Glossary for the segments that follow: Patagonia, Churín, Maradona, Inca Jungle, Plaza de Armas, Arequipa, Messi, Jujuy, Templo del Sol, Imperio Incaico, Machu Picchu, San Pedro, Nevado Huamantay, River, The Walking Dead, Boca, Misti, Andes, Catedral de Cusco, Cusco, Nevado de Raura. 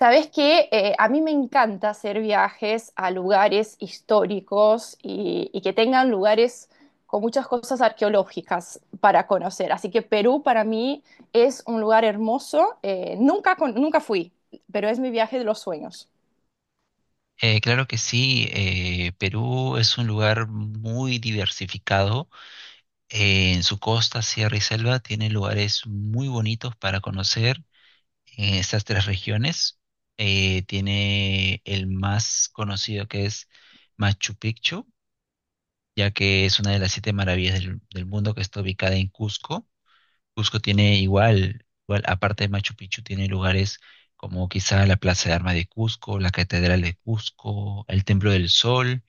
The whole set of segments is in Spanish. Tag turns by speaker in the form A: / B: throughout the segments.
A: Sabes que a mí me encanta hacer viajes a lugares históricos y que tengan lugares con muchas cosas arqueológicas para conocer. Así que Perú para mí es un lugar hermoso. Nunca, nunca fui, pero es mi viaje de los sueños.
B: Claro que sí, Perú es un lugar muy diversificado. En su costa, sierra y selva tiene lugares muy bonitos para conocer en estas tres regiones. Tiene el más conocido, que es Machu Picchu, ya que es una de las siete maravillas del mundo, que está ubicada en Cusco. Cusco tiene igual, igual, aparte de Machu Picchu, tiene lugares como quizá la Plaza de Armas de Cusco, la Catedral de Cusco, el Templo del Sol,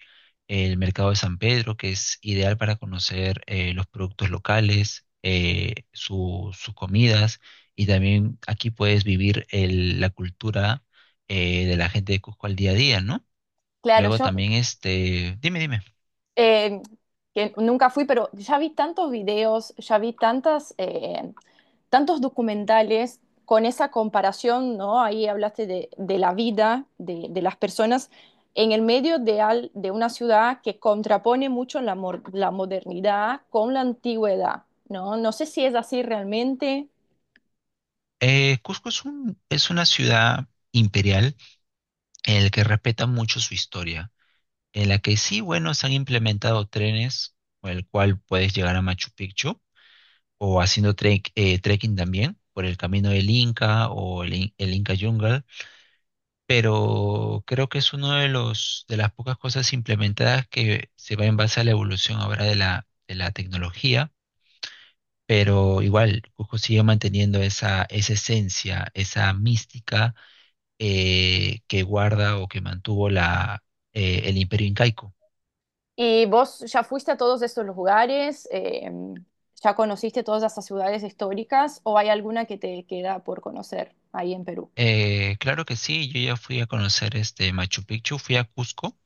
B: el mercado de San Pedro, que es ideal para conocer los productos locales, sus comidas, y también aquí puedes vivir la cultura de la gente de Cusco al día a día, ¿no?
A: Claro,
B: Luego
A: yo
B: también, dime, dime.
A: eh, que nunca fui, pero ya vi tantos videos, ya vi tantos documentales con esa comparación, ¿no? Ahí hablaste de la vida las personas en el medio de una ciudad que contrapone mucho modernidad con la antigüedad, ¿no? No sé si es así realmente.
B: Cusco es es una ciudad imperial en la que respeta mucho su historia, en la que sí, bueno, se han implementado trenes con el cual puedes llegar a Machu Picchu, o haciendo trekking también por el camino del Inca o el Inca Jungle, pero creo que es uno de las pocas cosas implementadas que se va en base a la evolución ahora de la, tecnología, pero igual Cusco sigue manteniendo esa esencia, esa mística que guarda o que mantuvo el Imperio Incaico.
A: ¿Y vos ya fuiste a todos estos lugares, ya conociste todas esas ciudades históricas, o hay alguna que te queda por conocer ahí en Perú?
B: Claro que sí, yo ya fui a conocer este Machu Picchu, fui a Cusco.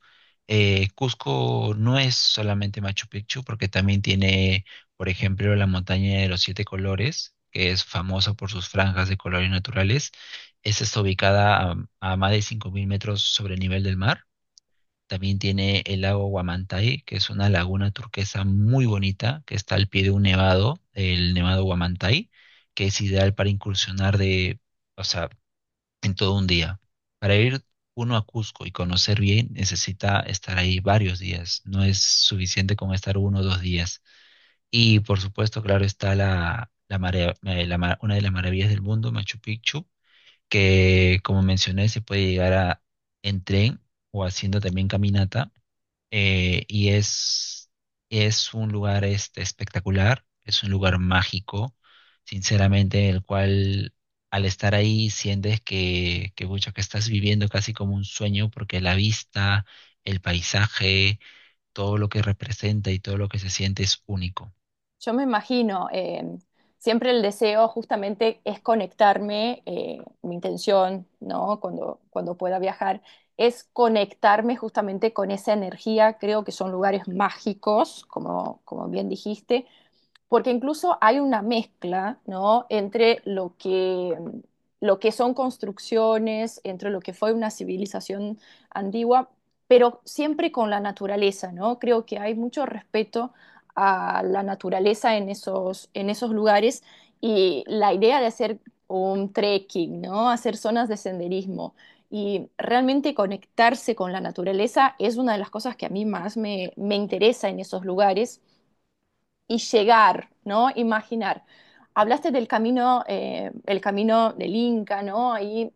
B: Cusco no es solamente Machu Picchu, porque también tiene, por ejemplo, la montaña de los siete colores, que es famosa por sus franjas de colores naturales. Esta está ubicada a más de 5000 metros sobre el nivel del mar. También tiene el lago Huamantay, que es una laguna turquesa muy bonita, que está al pie de un nevado, el nevado Huamantay, que es ideal para incursionar de. O sea, en todo un día. Para ir uno a Cusco y conocer bien, necesita estar ahí varios días. No es suficiente con estar uno o 2 días. Y por supuesto, claro, está la, una de las maravillas del mundo, Machu Picchu, que, como mencioné, se puede llegar en tren o haciendo también caminata, y es un lugar espectacular, es un lugar mágico, sinceramente, el cual, al estar ahí, sientes mucho que estás viviendo casi como un sueño, porque la vista, el paisaje, todo lo que representa y todo lo que se siente es único.
A: Yo me imagino, siempre el deseo justamente es conectarme, mi intención, ¿no? Cuando pueda viajar, es conectarme justamente con esa energía. Creo que son lugares mágicos, como bien dijiste, porque incluso hay una mezcla, ¿no? Lo que son construcciones, entre lo que fue una civilización antigua, pero siempre con la naturaleza, ¿no? Creo que hay mucho respeto a la naturaleza en esos lugares, y la idea de hacer un trekking, ¿no? Hacer zonas de senderismo y realmente conectarse con la naturaleza es una de las cosas que a mí más me interesa en esos lugares y llegar, ¿no? Imaginar. Hablaste del camino, el camino del Inca, ¿no? Ahí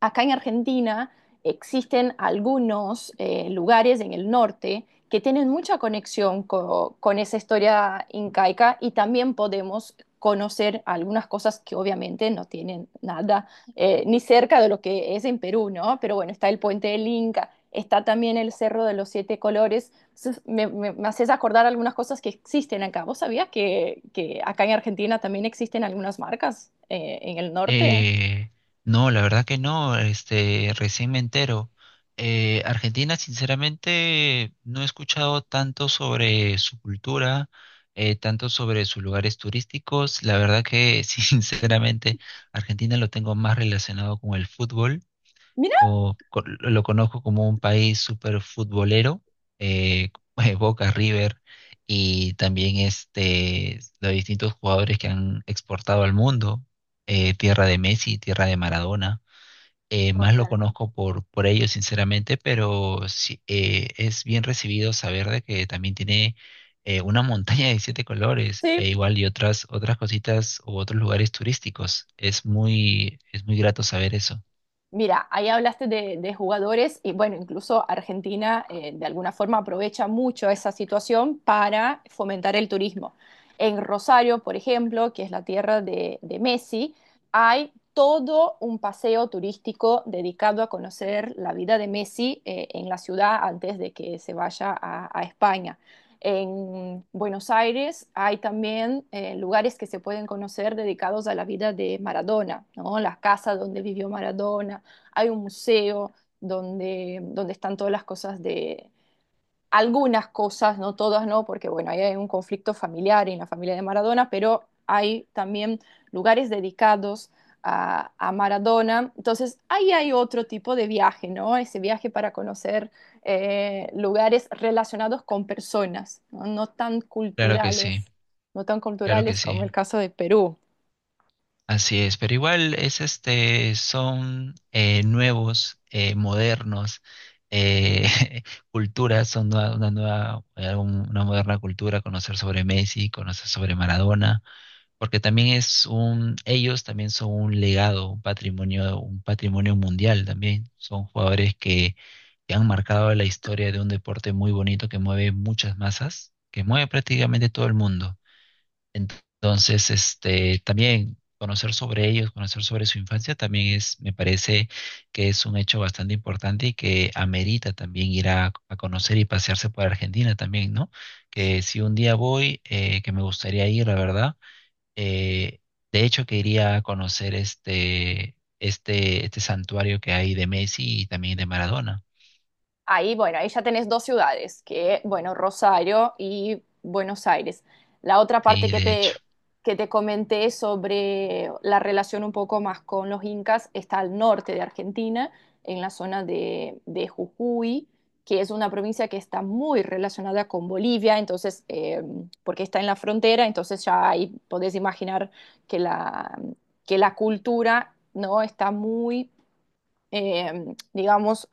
A: acá en Argentina existen algunos lugares en el norte que tienen mucha conexión con esa historia incaica, y también podemos conocer algunas cosas que obviamente no tienen nada ni cerca de lo que es en Perú, ¿no? Pero bueno, está el puente del Inca, está también el Cerro de los Siete Colores. Entonces, me haces acordar algunas cosas que existen acá. ¿Vos sabías que acá en Argentina también existen algunas marcas en el norte?
B: Eh, no, la verdad que no, recién me entero. Argentina, sinceramente, no he escuchado tanto sobre su cultura, tanto sobre sus lugares turísticos. La verdad que, sinceramente, Argentina lo tengo más relacionado con el fútbol,
A: Mira.
B: lo conozco como un país súper futbolero, eh, Boca, River, y también los distintos jugadores que han exportado al mundo, tierra de Messi, tierra de Maradona. Más lo
A: Totalmente.
B: conozco por ellos, sinceramente, pero sí, es bien recibido saber de que también tiene una montaña de siete colores,
A: Sí.
B: e igual y otras cositas u otros lugares turísticos. Es muy grato saber eso.
A: Mira, ahí hablaste de jugadores y bueno, incluso Argentina de alguna forma aprovecha mucho esa situación para fomentar el turismo. En Rosario, por ejemplo, que es la tierra de Messi, hay todo un paseo turístico dedicado a conocer la vida de Messi en la ciudad antes de que se vaya a España. En Buenos Aires hay también lugares que se pueden conocer dedicados a la vida de Maradona, ¿no? La casa donde vivió Maradona, hay un museo donde están todas las cosas de, algunas cosas, no todas, no, porque bueno, ahí hay un conflicto familiar en la familia de Maradona, pero hay también lugares dedicados a Maradona. Entonces, ahí hay otro tipo de viaje, ¿no? Ese viaje para conocer lugares relacionados con personas, ¿no? No tan
B: Claro que sí.
A: culturales, no tan
B: Claro que
A: culturales como
B: sí,
A: el caso de Perú.
B: así es, pero igual es son nuevos, modernos, eh, culturas, son una moderna cultura, conocer sobre Messi, conocer sobre Maradona, porque también ellos también son un legado, un patrimonio mundial también, son jugadores que han marcado la historia de un deporte muy bonito que mueve muchas masas, que mueve prácticamente todo el mundo. Entonces, también conocer sobre ellos, conocer sobre su infancia, también es, me parece que es un hecho bastante importante y que amerita también ir a conocer y pasearse por Argentina también, ¿no? Que si un día voy, que me gustaría ir, la verdad, eh, de hecho que iría a conocer este santuario que hay de Messi y también de Maradona,
A: Ahí, bueno, ahí ya tenés dos ciudades, que, bueno, Rosario y Buenos Aires. La otra parte
B: sí, de hecho.
A: que te comenté sobre la relación un poco más con los incas está al norte de Argentina, en la zona de Jujuy, que es una provincia que está muy relacionada con Bolivia, entonces, porque está en la frontera, entonces ya ahí podés imaginar que la, que la cultura, ¿no? Está muy, digamos,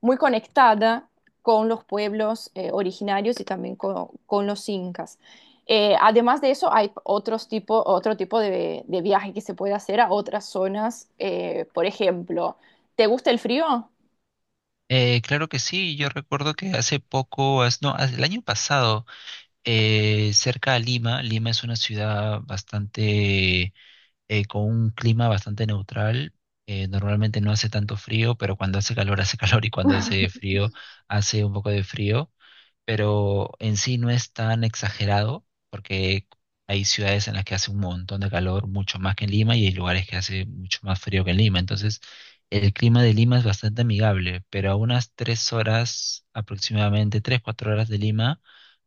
A: muy conectada con los pueblos originarios y también con los incas. Además de eso, hay otro tipo de viaje que se puede hacer a otras zonas. Por ejemplo, ¿te gusta el frío?
B: Claro que sí, yo recuerdo que hace poco, no, el año pasado, cerca a Lima. Lima es una ciudad con un clima bastante neutral. Normalmente no hace tanto frío, pero cuando hace calor hace calor y cuando hace frío hace un poco de frío, pero en sí no es tan exagerado, porque hay ciudades en las que hace un montón de calor, mucho más que en Lima, y hay lugares que hace mucho más frío que en Lima. Entonces, el clima de Lima es bastante amigable, pero a unas 3 horas aproximadamente, 3, 4 horas de Lima,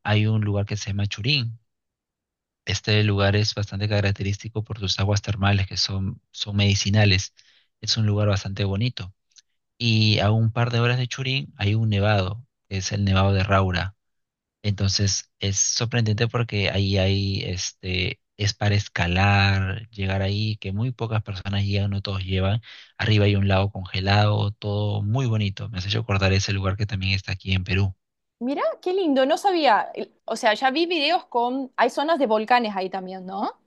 B: hay un lugar que se llama Churín. Este lugar es bastante característico por sus aguas termales, que son, medicinales. Es un lugar bastante bonito. Y a un par de horas de Churín hay un nevado, que es el Nevado de Raura. Entonces es sorprendente, porque ahí hay, es para escalar, llegar ahí, que muy pocas personas llegan, no todos llevan. Arriba hay un lago congelado, todo muy bonito. Me has hecho acordar ese lugar que también está aquí en Perú.
A: Mira, qué lindo, no sabía. ¿El, o sea, ya vi videos con hay zonas de volcanes ahí también, ¿no?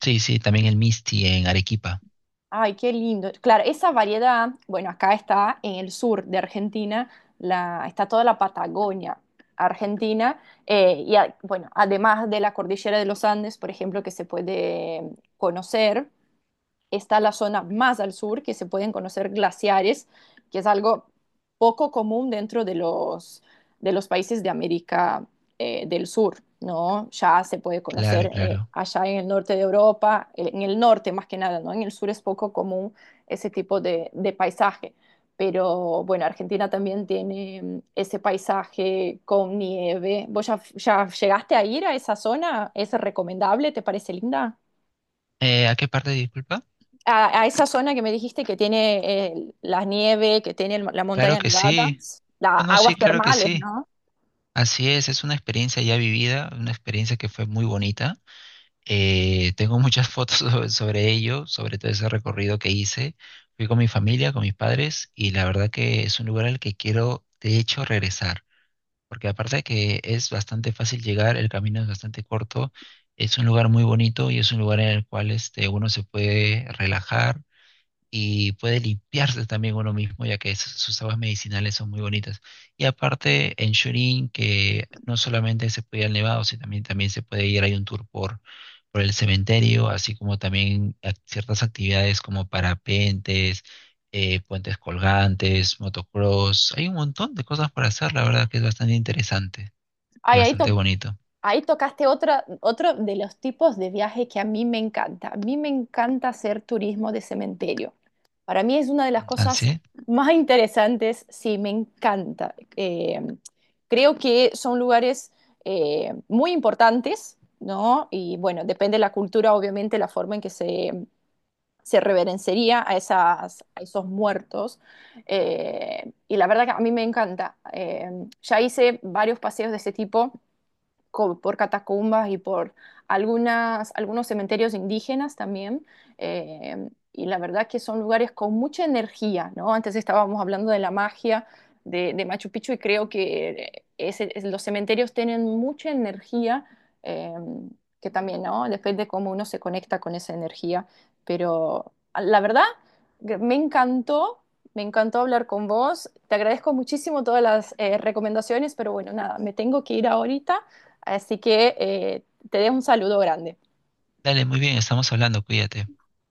B: Sí, sí, también el Misti en Arequipa.
A: Ay, qué lindo. Claro, esa variedad, bueno, acá está en el sur de Argentina, está toda la Patagonia argentina, bueno, además de la cordillera de los Andes, por ejemplo, que se puede conocer, está la zona más al sur, que se pueden conocer glaciares, que es algo poco común dentro de de los países de América del Sur, ¿no? Ya se puede conocer
B: Claro, claro.
A: allá en el norte de Europa, en el norte más que nada, ¿no? En el sur es poco común ese tipo de paisaje. Pero bueno, Argentina también tiene ese paisaje con nieve. ¿Vos ya llegaste a ir a esa zona? ¿Es recomendable? ¿Te parece linda?
B: ¿A qué parte, disculpa?
A: A, a esa zona que me dijiste que tiene la nieve, que tiene la
B: Claro
A: montaña
B: que
A: nevada,
B: sí.
A: las
B: No, sí,
A: aguas
B: claro que
A: termales,
B: sí.
A: ¿no?
B: Así es una experiencia ya vivida, una experiencia que fue muy bonita. Tengo muchas fotos sobre ello, sobre todo ese recorrido que hice. Fui con mi familia, con mis padres, y la verdad que es un lugar al que quiero, de hecho, regresar, porque aparte de que es bastante fácil llegar, el camino es bastante corto, es un lugar muy bonito y es un lugar en el cual, uno se puede relajar y puede limpiarse también uno mismo, ya que sus, aguas medicinales son muy bonitas. Y aparte, en Churín, que no solamente se puede ir al Nevado, sino también, se puede ir, hay un tour por el cementerio, así como también ciertas actividades como parapentes, puentes colgantes, motocross. Hay un montón de cosas por hacer, la verdad que es bastante interesante y
A: Ay,
B: bastante bonito.
A: ahí tocaste otra, otro de los tipos de viajes que a mí me encanta. A mí me encanta hacer turismo de cementerio. Para mí es una de las cosas
B: Así,
A: más interesantes, sí, me encanta. Creo que son lugares muy importantes, ¿no? Y bueno, depende de la cultura, obviamente, la forma en que se reverenciaría a, esas, a esos muertos. Eh, y la verdad que a mí me encanta. Ya hice varios paseos de ese tipo por catacumbas y por algunos cementerios indígenas también. Eh, y la verdad que son lugares con mucha energía, ¿no? Antes estábamos hablando de la magia de Machu Picchu, y creo que los cementerios tienen mucha energía, eh, que también, ¿no? Depende cómo uno se conecta con esa energía. Pero la verdad, que me encantó. Me encantó hablar con vos. Te agradezco muchísimo todas las recomendaciones, pero bueno, nada, me tengo que ir ahorita. Así que te dejo un saludo grande.
B: dale, muy bien, estamos hablando, cuídate.